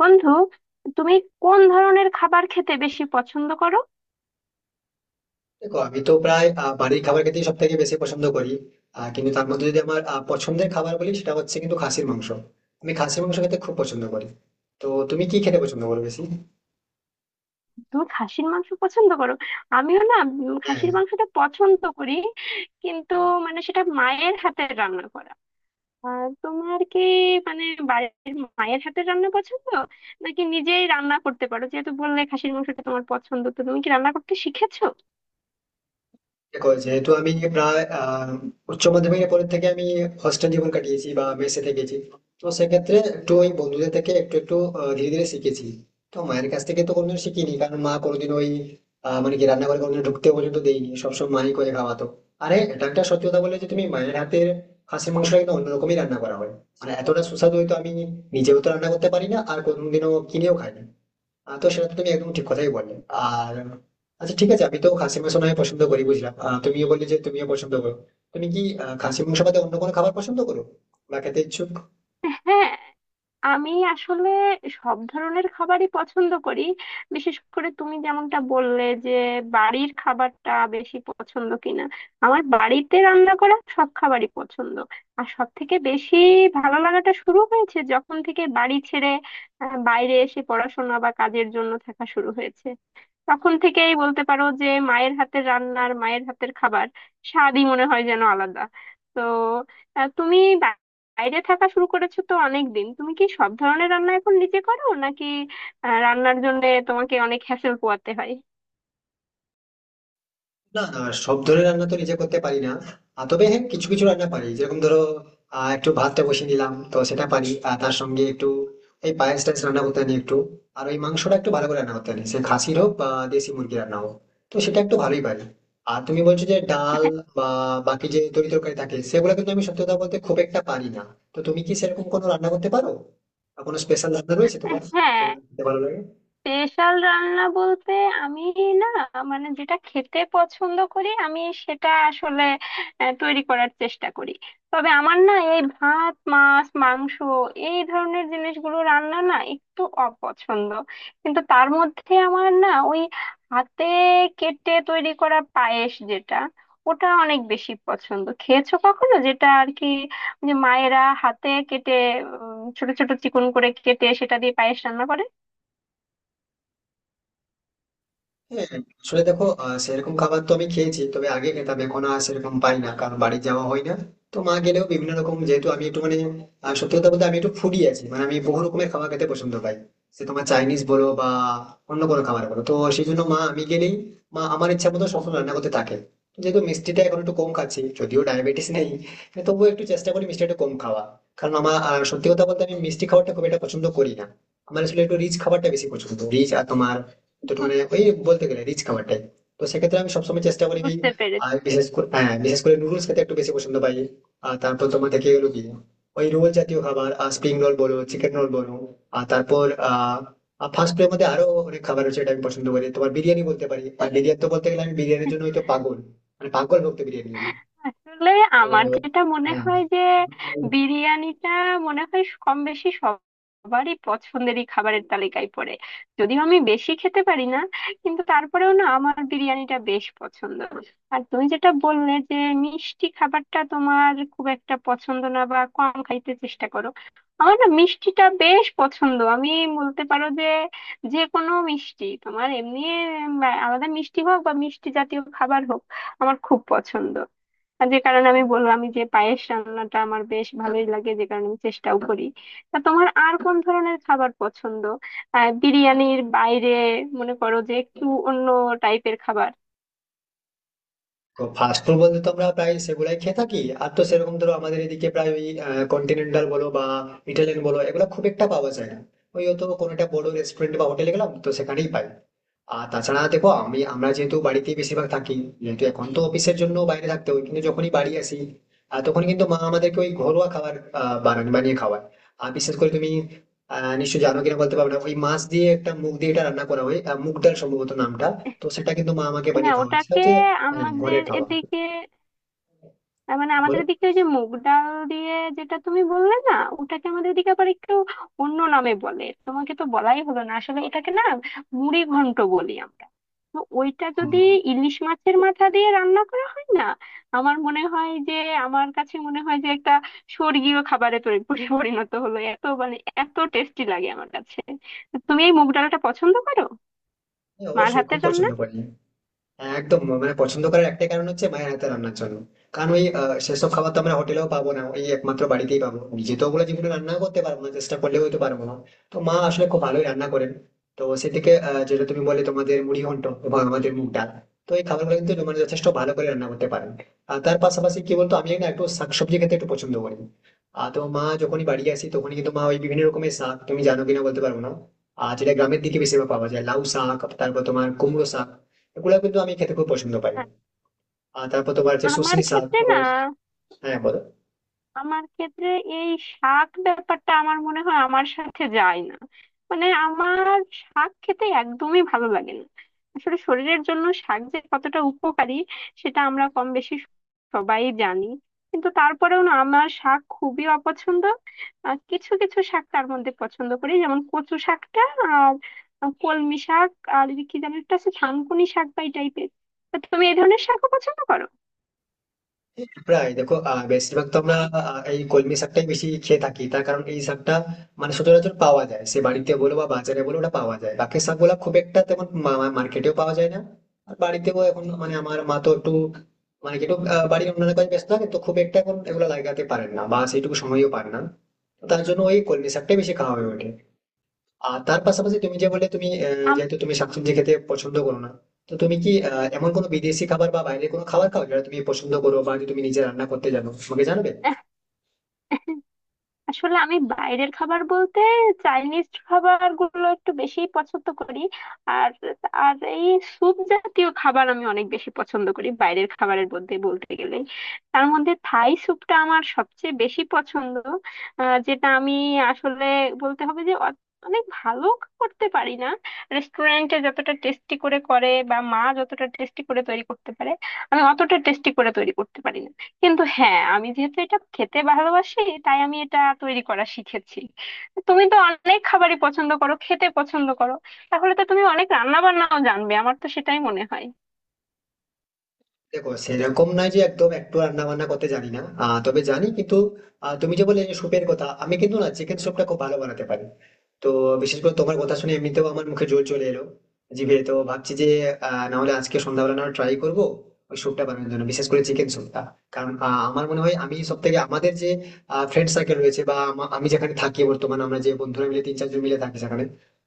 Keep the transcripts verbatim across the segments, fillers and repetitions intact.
বন্ধু, তুমি কোন ধরনের খাবার খেতে বেশি পছন্দ করো? দেখো, আমি তো প্রায় আহ, বাড়ির খাবার খেতেই সব থেকে বেশি পছন্দ করি। আহ, কিন্তু তার মধ্যে যদি আমার আহ, পছন্দের খাবার বলি, সেটা হচ্ছে কিন্তু খাসির মাংস। আমি খাসির মাংস খেতে খুব পছন্দ করি। তো তুমি কি খেতে পছন্দ করো বেশি? তুমি খাসির মাংস পছন্দ করো? আমিও না, উম, হ্যাঁ। খাসির মাংসটা পছন্দ করি। কিন্তু মানে সেটা মায়ের হাতের রান্না করা। আর তোমার কি মানে বাড়ির, মায়ের হাতের রান্না পছন্দ, নাকি নিজেই রান্না করতে পারো? যেহেতু বললে খাসির মাংসটা তোমার পছন্দ, তো তুমি কি রান্না করতে শিখেছো? দেখো, যেহেতু আমি প্রায় আহ, উচ্চ মাধ্যমিকের পরের থেকে আমি হস্টেল জীবন কাটিয়েছি বা মেসে থেকেছি, তো সেক্ষেত্রে একটু ওই বন্ধুদের থেকে একটু একটু আহ, ধীরে ধীরে শিখেছি। তো মায়ের কাছ থেকে তো কোনোদিন শিখিনি, কারণ মা কোনোদিন ওই আহ, মানে কি রান্নাঘরে কোনোদিন ঢুকতে পর্যন্ত দেয়নি, সবসময় মাই করে খাওয়াতো। আরে এটা একটা সত্যি কথা বলে যে তুমি মায়ের হাতের খাসির মাংসটা কিন্তু অন্যরকমই রান্না করা হয়। মানে এতটা সুস্বাদু হয়তো আমি নিজেও তো রান্না করতে পারি না, আর কোনোদিনও কিনেও খাই না। আহ, তো সেটা তো তুমি একদম ঠিক কথাই বললে। আর আচ্ছা, ঠিক আছে, আমি তো খাসি মাংস নয় পছন্দ করি বুঝলাম, আহ, তুমিও বললে যে তুমিও পছন্দ করো। তুমি কি আহ, খাসি মাংস বাদে অন্য কোনো খাবার পছন্দ করো বা খেতে ইচ্ছুক? হ্যাঁ, আমি আসলে সব ধরনের খাবারই পছন্দ করি। বিশেষ করে তুমি যেমনটা বললে যে বাড়ির খাবারটা বেশি পছন্দ কিনা, আমার বাড়িতে রান্না করা সব খাবারই পছন্দ। আর সব থেকে বেশি ভালো লাগাটা শুরু হয়েছে যখন থেকে বাড়ি ছেড়ে আহ, বাইরে এসে পড়াশোনা বা কাজের জন্য থাকা শুরু হয়েছে। তখন থেকেই বলতে পারো যে মায়ের হাতের রান্নার, মায়ের হাতের খাবার স্বাদই মনে হয় যেন আলাদা। তো আহ, তুমি বাইরে থাকা শুরু করেছো তো অনেক দিন, তুমি কি সব ধরনের রান্না এখন নিজে করো, নাকি আহ, রান্নার জন্য তোমাকে অনেক হ্যাসেল পোয়াতে হয়? না না, সব ধরনের রান্না তো নিজে করতে পারি না। আহ, তবে হ্যাঁ, কিছু কিছু রান্না পারি, যেরকম ধরো আহ, একটু ভাতটা বসিয়ে নিলাম তো সেটা পারি, আর তার সঙ্গে একটু এই পায়েস টায়েস রান্না করতে জানি একটু। আর ওই মাংসটা একটু ভালো করে রান্না করতে জানি, সে খাসির হোক বা দেশি মুরগি রান্না হোক, তো সেটা একটু ভালোই পারি। আর তুমি বলছো যে ডাল বা বাকি যে তরি তরকারি থাকে সেগুলো কিন্তু আমি সত্যি কথা বলতে খুব একটা পারি না। তো তুমি কি সেরকম কোনো রান্না করতে পারো বা কোনো স্পেশাল রান্না রয়েছে তোমার হ্যাঁ, যেগুলো খেতে ভালো লাগে? স্পেশাল রান্না বলতে আমি, না মানে যেটা খেতে পছন্দ করি আমি, সেটা আসলে আহ, তৈরি করার চেষ্টা করি। তবে আমার না এই ভাত মাছ মাংস এই ধরনের জিনিসগুলো রান্না না একটু অপছন্দ। কিন্তু তার মধ্যে আমার না ওই হাতে কেটে তৈরি করা পায়েস, যেটা ওটা অনেক বেশি পছন্দ। খেয়েছো কখনো, যেটা আর কি, যে মায়েরা হাতে কেটে উম, ছোট ছোট চিকন করে কেটে সেটা দিয়ে পায়েস রান্না করে? হ্যাঁ। আসলে দেখো আহ, সেরকম খাবার তো আমি খেয়েছি, তবে আগে খেতাম, এখন আর সেরকম পাই না কারণ বাড়ি যাওয়া হয় না। তো মা গেলেও বিভিন্ন রকম, যেহেতু আমি একটু মানে আহ, সত্যি কথা বলতে আমি একটু ফুডি আছি, মানে আমি বহু রকমের খাবার খেতে পছন্দ পাই। সে তোমার চাইনিজ বলো বা অন্য কোনো খাবার বলো, তো সেই জন্য মা আমি গেলেই মা আমার ইচ্ছা মতো সবসময় রান্না করতে থাকে। যেহেতু মিষ্টিটা এখন একটু কম খাচ্ছি, যদিও ডায়াবেটিস নেই, হ্যাঁ, তবুও একটু চেষ্টা করি মিষ্টিটা একটু কম খাওয়া। কারণ আমার আহ, সত্যি কথা বলতে আমি মিষ্টি খাবারটা খুব একটা পছন্দ করি না। আমার আসলে একটু রিচ খাবারটা বেশি পছন্দ, রিচ। আর তোমার তো মানে ওই বলতে গেলে রিচ খাবার টাইপ, তো সেক্ষেত্রে আমি সবসময় চেষ্টা করি ওই। বুঝতে পেরেছি। আর বিশেষ করে হ্যাঁ, বিশেষ করে নুডলস খেতে একটু বেশি পছন্দ পাই। আর তারপর তোমার থেকে গেলো কি ওই রোল জাতীয় খাবার, আর স্প্রিং রোল বলো চিকেন রোল বলো। আর তারপর আহ ফাস্ট ফুডের মধ্যে আরো অনেক খাবার আছে, এটা আমি পছন্দ করি তোমার বিরিয়ানি বলতে পারি, আর বিরিয়ানি তো বলতে গেলে আমি বিরিয়ানির জন্য হয়তো পাগল, মানে পাগল ভক্ত বিরিয়ানি। আসলে তো আমার যেটা মনে হ্যাঁ। হয় যে বিরিয়ানিটা মনে হয় কম বেশি সবারই পছন্দেরই খাবারের তালিকায় পড়ে। যদিও আমি বেশি খেতে পারি না, কিন্তু তারপরেও না আমার বিরিয়ানিটা বেশ পছন্দ। আর তুমি যেটা বললে যে মিষ্টি খাবারটা তোমার খুব একটা পছন্দ না বা কম খাইতে চেষ্টা করো, আমার না মিষ্টিটা বেশ পছন্দ। আমি বলতে পারো যে যে কোনো মিষ্টি, তোমার এমনি উম, আলাদা মিষ্টি হোক বা মিষ্টি জাতীয় খাবার হোক, আমার খুব পছন্দ। আর যে কারণে আমি বললাম আমি যে পায়েস রান্নাটা আমার বেশ ভালোই লাগে, যে কারণে আমি চেষ্টাও করি। তা তোমার আর কোন ধরনের খাবার পছন্দ, আহ, বিরিয়ানির বাইরে? মনে করো যে একটু অন্য টাইপের খাবার। তো ফাস্ট ফুড বলতে তো আমরা প্রায় সেগুলাই খেয়ে থাকি। আর তো সেরকম ধরো আমাদের এদিকে প্রায় ওই কন্টিনেন্টাল বলো বা ইটালিয়ান বলো, এগুলো খুব একটা পাওয়া যায় না। ওই হয়তো কোনো একটা বড় রেস্টুরেন্ট বা হোটেলে গেলাম তো সেখানেই পাই। আর তাছাড়া দেখো আমি আমরা যেহেতু বাড়িতে বেশিরভাগ থাকি, যেহেতু এখন তো অফিসের জন্য বাইরে থাকতে হয় কিন্তু যখনই বাড়ি আসি আহ, তখন কিন্তু মা আমাদেরকে ওই ঘরোয়া খাবার আহ, বানান বানিয়ে খাওয়ায়। আর বিশেষ করে তুমি আহ নিশ্চয় জানো কিনা বলতে পারবে না ওই মাছ দিয়ে একটা মুগ দিয়ে এটা রান্না করা হয়, আহ, মুগ ডাল সম্ভবত নামটা। তো সেটা কিন্তু মা আমাকে না, বানিয়ে খাওয়ায়, সেটা ওটাকে হচ্ছে হ্যাঁ, ঘরের আমাদের খাওয়া। এদিকে, তার মানে বলো, আমাদের দিকে ওই যে মুগ ডাল দিয়ে যেটা তুমি বললে না, ওটাকে আমাদের দিকে আবার একটু অন্য নামে বলে। তোমাকে তো বলাই হলো না, আসলে ওটাকে না মুড়ি ঘন্ট বলি আমরা। তো ওইটা যদি ইলিশ মাছের মাথা দিয়ে রান্না করা হয় না, আমার মনে হয় যে, আমার কাছে মনে হয় যে একটা স্বর্গীয় খাবারে তরি- পরি- পরিণত হলো। এত মানে এত টেস্টি লাগে আমার কাছে। তুমি এই মুগ ডালটা পছন্দ করো, হ্যাঁ মার অবশ্যই খুব হাতের পছন্দ রান্না? করি। হ্যাঁ, একদম, মানে পছন্দ করার একটাই কারণ হচ্ছে মায়ের হাতে রান্নার জন্য। কারণ ওই আহ, সেসব খাবার তো আমরা হোটেলেও পাবো না, ওই একমাত্র বাড়িতেই পাবো, নিজে তো ওগুলো জীবনে রান্না করতে পারবো না, চেষ্টা করলেও হয়তো পারবো না। তো মা আসলে খুব ভালোই রান্না করেন। তো সেদিকে আহ, যেটা তুমি বলে তোমাদের মুড়ি ঘন্ট এবং আমাদের মুগ ডাল, তো এই খাবারগুলো কিন্তু মানে যথেষ্ট ভালো করে রান্না করতে পারেন। আর তার পাশাপাশি কি বলতো, আমি না একটু শাকসবজি খেতে একটু পছন্দ করি। আর তো মা যখনই বাড়ি আসি তখনই কিন্তু মা ওই বিভিন্ন রকমের শাক, তুমি জানো কিনা বলতে পারবো না, আর যেটা গ্রামের দিকে বেশিরভাগ পাওয়া যায় লাউ শাক, তারপর তোমার কুমড়ো শাক, এগুলো কিন্তু আমি খেতে খুব পছন্দ পাই। আ- আর তারপর তোমার হচ্ছে আমার শুষনি শাক। ক্ষেত্রে তো না, হ্যাঁ, বলো। আমার ক্ষেত্রে এই শাক ব্যাপারটা আমার মনে হয় আমার সাথে যায় না। মানে আমার শাক খেতে একদমই ভালো লাগে না। আসলে শরীরের জন্য শাক যে কতটা উপকারী, সেটা আমরা কম বেশি সবাই জানি। কিন্তু তারপরেও না আমার শাক খুবই অপছন্দ। আহ, কিছু কিছু শাক তার মধ্যে পছন্দ করি যেমন কচু শাকটা আর কলমি শাক, আর এই কি যেন একটা আছে থানকুনি শাক বা এই টাইপের। তুমি এই ধরনের শাকও পছন্দ করো? প্রায় দেখো আহ, বেশিরভাগ তো আমরা আহ, এই কলমি শাকটাই বেশি খেয়ে থাকি, তার কারণ এই শাকটা মানে সচরাচর পাওয়া যায়, সে বাড়িতে বলো বা বাজারে বলো ওটা পাওয়া যায়, বাকি শাকগুলো খুব একটা তেমন মার্কেটেও পাওয়া যায় না। আর বাড়িতেও এখন মানে আমার মা তো একটু মানে কি একটু আহ, বাড়ির অন্যান্য কাজে ব্যস্ত থাকে, তো খুব একটা এখন এগুলো লাগাতে পারেন না বা সেইটুকু সময়ও পান না। তো তার জন্য ওই কলমি শাকটাই বেশি খাওয়া হয়ে ওঠে। আর তার পাশাপাশি তুমি যে বললে তুমি, আহ, আম- যেহেতু তুমি শাকসবজি খেতে পছন্দ করো না, তো তুমি কি আহ, এমন কোনো বিদেশি খাবার বা বাইরে কোনো খাবার খাও যেটা তুমি পছন্দ করো, বা যে তুমি নিজে রান্না করতে জানো আমাকে জানাবে? আসলে আমি বাইরের খাবার বলতে চাইনিজ খাবার গুলো একটু বেশি পছন্দ করি। আর, আর এই স্যুপ জাতীয় খাবার আমি অনেক বেশি পছন্দ করি বাইরের খাবারের মধ্যে বলতে গেলে। তার মধ্যে থাই স্যুপটা আমার সবচেয়ে বেশি পছন্দ। আহ, যেটা আমি আসলে বলতে হবে যে অ- অনেক ভালো করতে পারি না। রেস্টুরেন্টে যতটা টেস্টি করে করে বা মা যতটা টেস্টি করে তৈরি করতে পারে, আমি অতটা টেস্টি করে তৈরি করতে পারি না। কিন্তু হ্যাঁ, আমি যেহেতু এটা খেতে ভালোবাসি তাই আমি এটা তৈরি করা শিখেছি। তুমি তো অনেক খাবারই পছন্দ করো, খেতে পছন্দ করো, তাহলে তো তুমি অনেক রান্না বান্নাও জানবে, আমার তো সেটাই মনে হয়। দেখো সেরকম নয় যে একদম একটু রান্না বান্না করতে জানি না, আহ, তবে জানি কিন্তু। আহ, তুমি যে বললে যে স্যুপের কথা, আমি কিন্তু না চিকেন স্যুপটা খুব ভালো বানাতে পারি। তো বিশেষ করে তোমার কথা শুনে এমনিতেও আমার মুখে জল চলে এলো, জিভে তো ভাবছি যে আহ, না হলে আজকে সন্ধ্যাবেলা না ট্রাই করবো ওই স্যুপটা বানানোর জন্য, বিশেষ করে চিকেন স্যুপটা। কারণ আহ, আমার মনে হয় আমি সব থেকে, আমাদের যে ফ্রেন্ড সার্কেল রয়েছে বা আমা- আমি যেখানে থাকি বর্তমানে আমরা যে বন্ধুরা মিলে তিন চারজন মিলে থাকি সেখানে,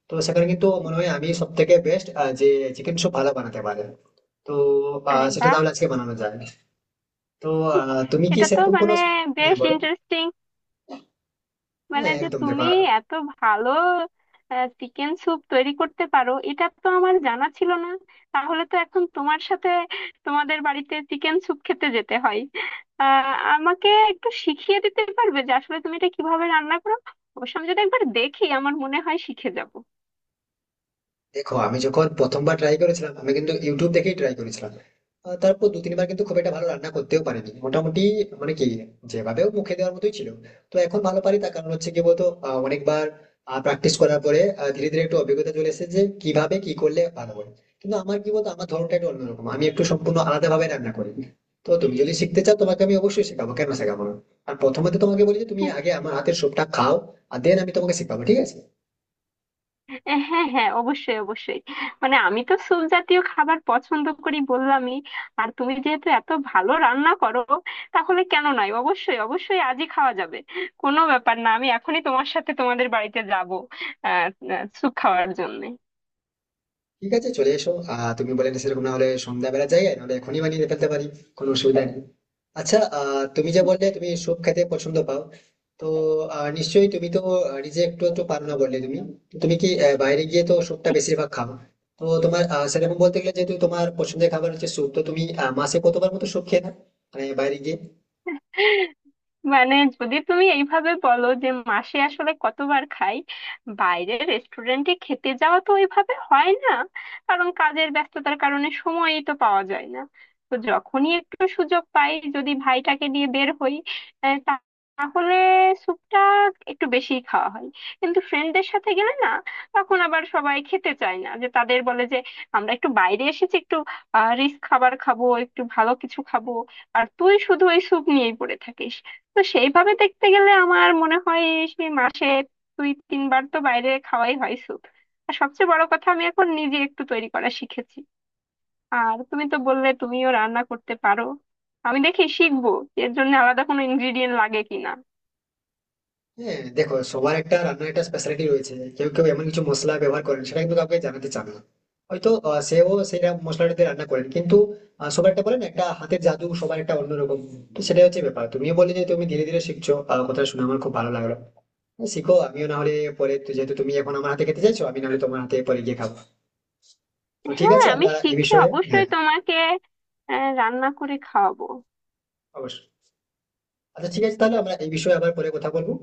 তো সেখানে কিন্তু মনে হয় আমি সব থেকে বেস্ট যে চিকেন স্যুপ ভালো বানাতে পারে। তো আহ, আরে সেটা বাহ, তাহলে আজকে বানানো যায়। তো আহ, তুমি কি এটা তো সেরকম কোনো, মানে হ্যাঁ বেশ বলো। ইন্টারেস্টিং। মানে হ্যাঁ যে একদম, তুমি দেখো এত ভালো চিকেন স্যুপ তৈরি করতে পারো, এটা তো আমার জানা ছিল না। তাহলে তো এখন তোমার সাথে তোমাদের বাড়িতে চিকেন স্যুপ খেতে যেতে হয়। আহ, আমাকে একটু শিখিয়ে দিতে পারবে যে আসলে তুমি এটা কিভাবে রান্না করো? অবশ্য আমি যদি একবার দেখি আমার মনে হয় শিখে যাব। দেখো আমি যখন প্রথমবার ট্রাই করেছিলাম আমি কিন্তু ইউটিউব দেখেই ট্রাই করেছিলাম। আহ, তারপর দু তিনবার কিন্তু খুব একটা ভালো রান্না করতেও পারিনি, মোটামুটি মানে কি যেভাবেও মুখে দেওয়ার মতোই ছিল। তো এখন ভালো পারি, তার কারণ হচ্ছে কি বলতো আহ, অনেকবার প্র্যাকটিস করার পরে আহ, ধীরে ধীরে একটু অভিজ্ঞতা চলে এসেছে, যে কিভাবে কি করলে ভালো হয়। কিন্তু আমার কি বলতো আমার ধরনটা একটু অন্যরকম, আমি একটু সম্পূর্ণ আলাদা ভাবে রান্না করি। তো তুমি যদি শিখতে চাও তোমাকে আমি অবশ্যই শেখাবো, কেন শেখাবো না। আর প্রথমে তো তোমাকে বলি যে তুমি আগে আমার হাতের সবটা খাও, আর দেন আমি তোমাকে শেখাবো, ঠিক আছে? এ, হ্যাঁ হ্যাঁ, অবশ্যই অবশ্যই। মানে আমি তো স্যুপ জাতীয় খাবার পছন্দ করি বললামই, আর তুমি যেহেতু এত ভালো রান্না করো, তাহলে কেন নয়, অবশ্যই অবশ্যই আজই খাওয়া যাবে। কোনো ব্যাপার না, আমি এখনই তোমার সাথে তোমাদের বাড়িতে যাব, আহ, আহ, স্যুপ খাওয়ার জন্য। ঠিক আছে, চলে এসো, আহ তুমি বলে সেরকম না হলে সন্ধ্যাবেলা যাই, আর নাহলে এখনই বানিয়ে ফেলতে পারি, কোনো অসুবিধা নেই। আচ্ছা, আহ তুমি যে বললে তুমি স্যুপ খেতে পছন্দ পাও, তো আহ, নিশ্চয়ই তুমি তো আহ, নিজে একটু একটু পারো না বললে তুমি। তো তুমি কি আহ, বাইরে গিয়ে তো স্যুপটা বেশিরভাগ খাও? তো তোমার আহ, সেরকম বলতে গেলে যেহেতু তোমার পছন্দের খাবার হচ্ছে স্যুপ, তো তুমি আহ, মাসে কতবার মতো স্যুপ খেয়ে না মানে বাইরে গিয়ে? মানে যদি তুমি এইভাবে বলো যে মাসে আসলে কতবার খাই, বাইরের রেস্টুরেন্টে খেতে যাওয়া তো ওইভাবে হয় না, কারণ কাজের ব্যস্ততার কারণে সময়ই তো পাওয়া যায় না। তো যখনই একটু সুযোগ পাই, যদি ভাইটাকে নিয়ে বের হই, আহ, তা- তাহলে স্যুপটা একটু বেশি খাওয়া হয়। কিন্তু ফ্রেন্ডদের সাথে গেলে না তখন আবার সবাই খেতে চায় না, যে তাদের বলে যে আমরা একটু বাইরে এসেছি, একটু রিস্ক খাবার খাবো, একটু ভালো কিছু খাবো, আর তুই শুধু ওই স্যুপ নিয়েই পড়ে থাকিস। তো সেইভাবে দেখতে গেলে আমার মনে হয় সেই মাসে দুই তিনবার তো বাইরে খাওয়াই হয় স্যুপ। আর সবচেয়ে বড় কথা আমি এখন নিজে একটু তৈরি করা শিখেছি। আর তুমি তো বললে তুমিও রান্না করতে পারো, আমি দেখি শিখবো, এর জন্য আলাদা কোনো ইনগ্রিডিয়েন্ট লাগে কিনা। হ্যাঁ। দেখো সবার একটা রান্নার একটা স্পেশালিটি রয়েছে, কেউ কেউ এমন কিছু মশলা ব্যবহার করেন সেটা কিন্তু কাউকে জানাতে চান না। হয়তো আহ, সেও সেটা মশলাটাতে রান্না করেন, কিন্তু আহ, সবার একটা বলেন একটা হাতের জাদু, সবার একটা অন্যরকম। তো সেটাই হচ্ছে ব্যাপার। তুমিও বলে যে তুমি ধীরে ধীরে শিখছো, আহ, কথা শুনে আমার খুব ভালো লাগলো। হ্যাঁ, শিখো, আমিও না হলে পরে তো- যেহেতু তুমি এখন আমার হাতে খেতে চাইছো, আমি না হলে তোমার হাতে পরে গিয়ে খাবো। তো ঠিক হ্যাঁ, আছে আমি আমরা এই শিখে বিষয়ে, অবশ্যই হ্যাঁ তোমাকে আহ, রান্না করে খাওয়াবো। অবশ্যই। আচ্ছা ঠিক আছে, তাহলে আমরা এই বিষয়ে আবার পরে কথা বলবো।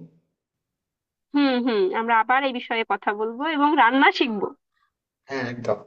হুম হুম, আমরা আবার এই বিষয়ে কথা বলবো এবং রান্না শিখবো। হ্যাঁ একদম।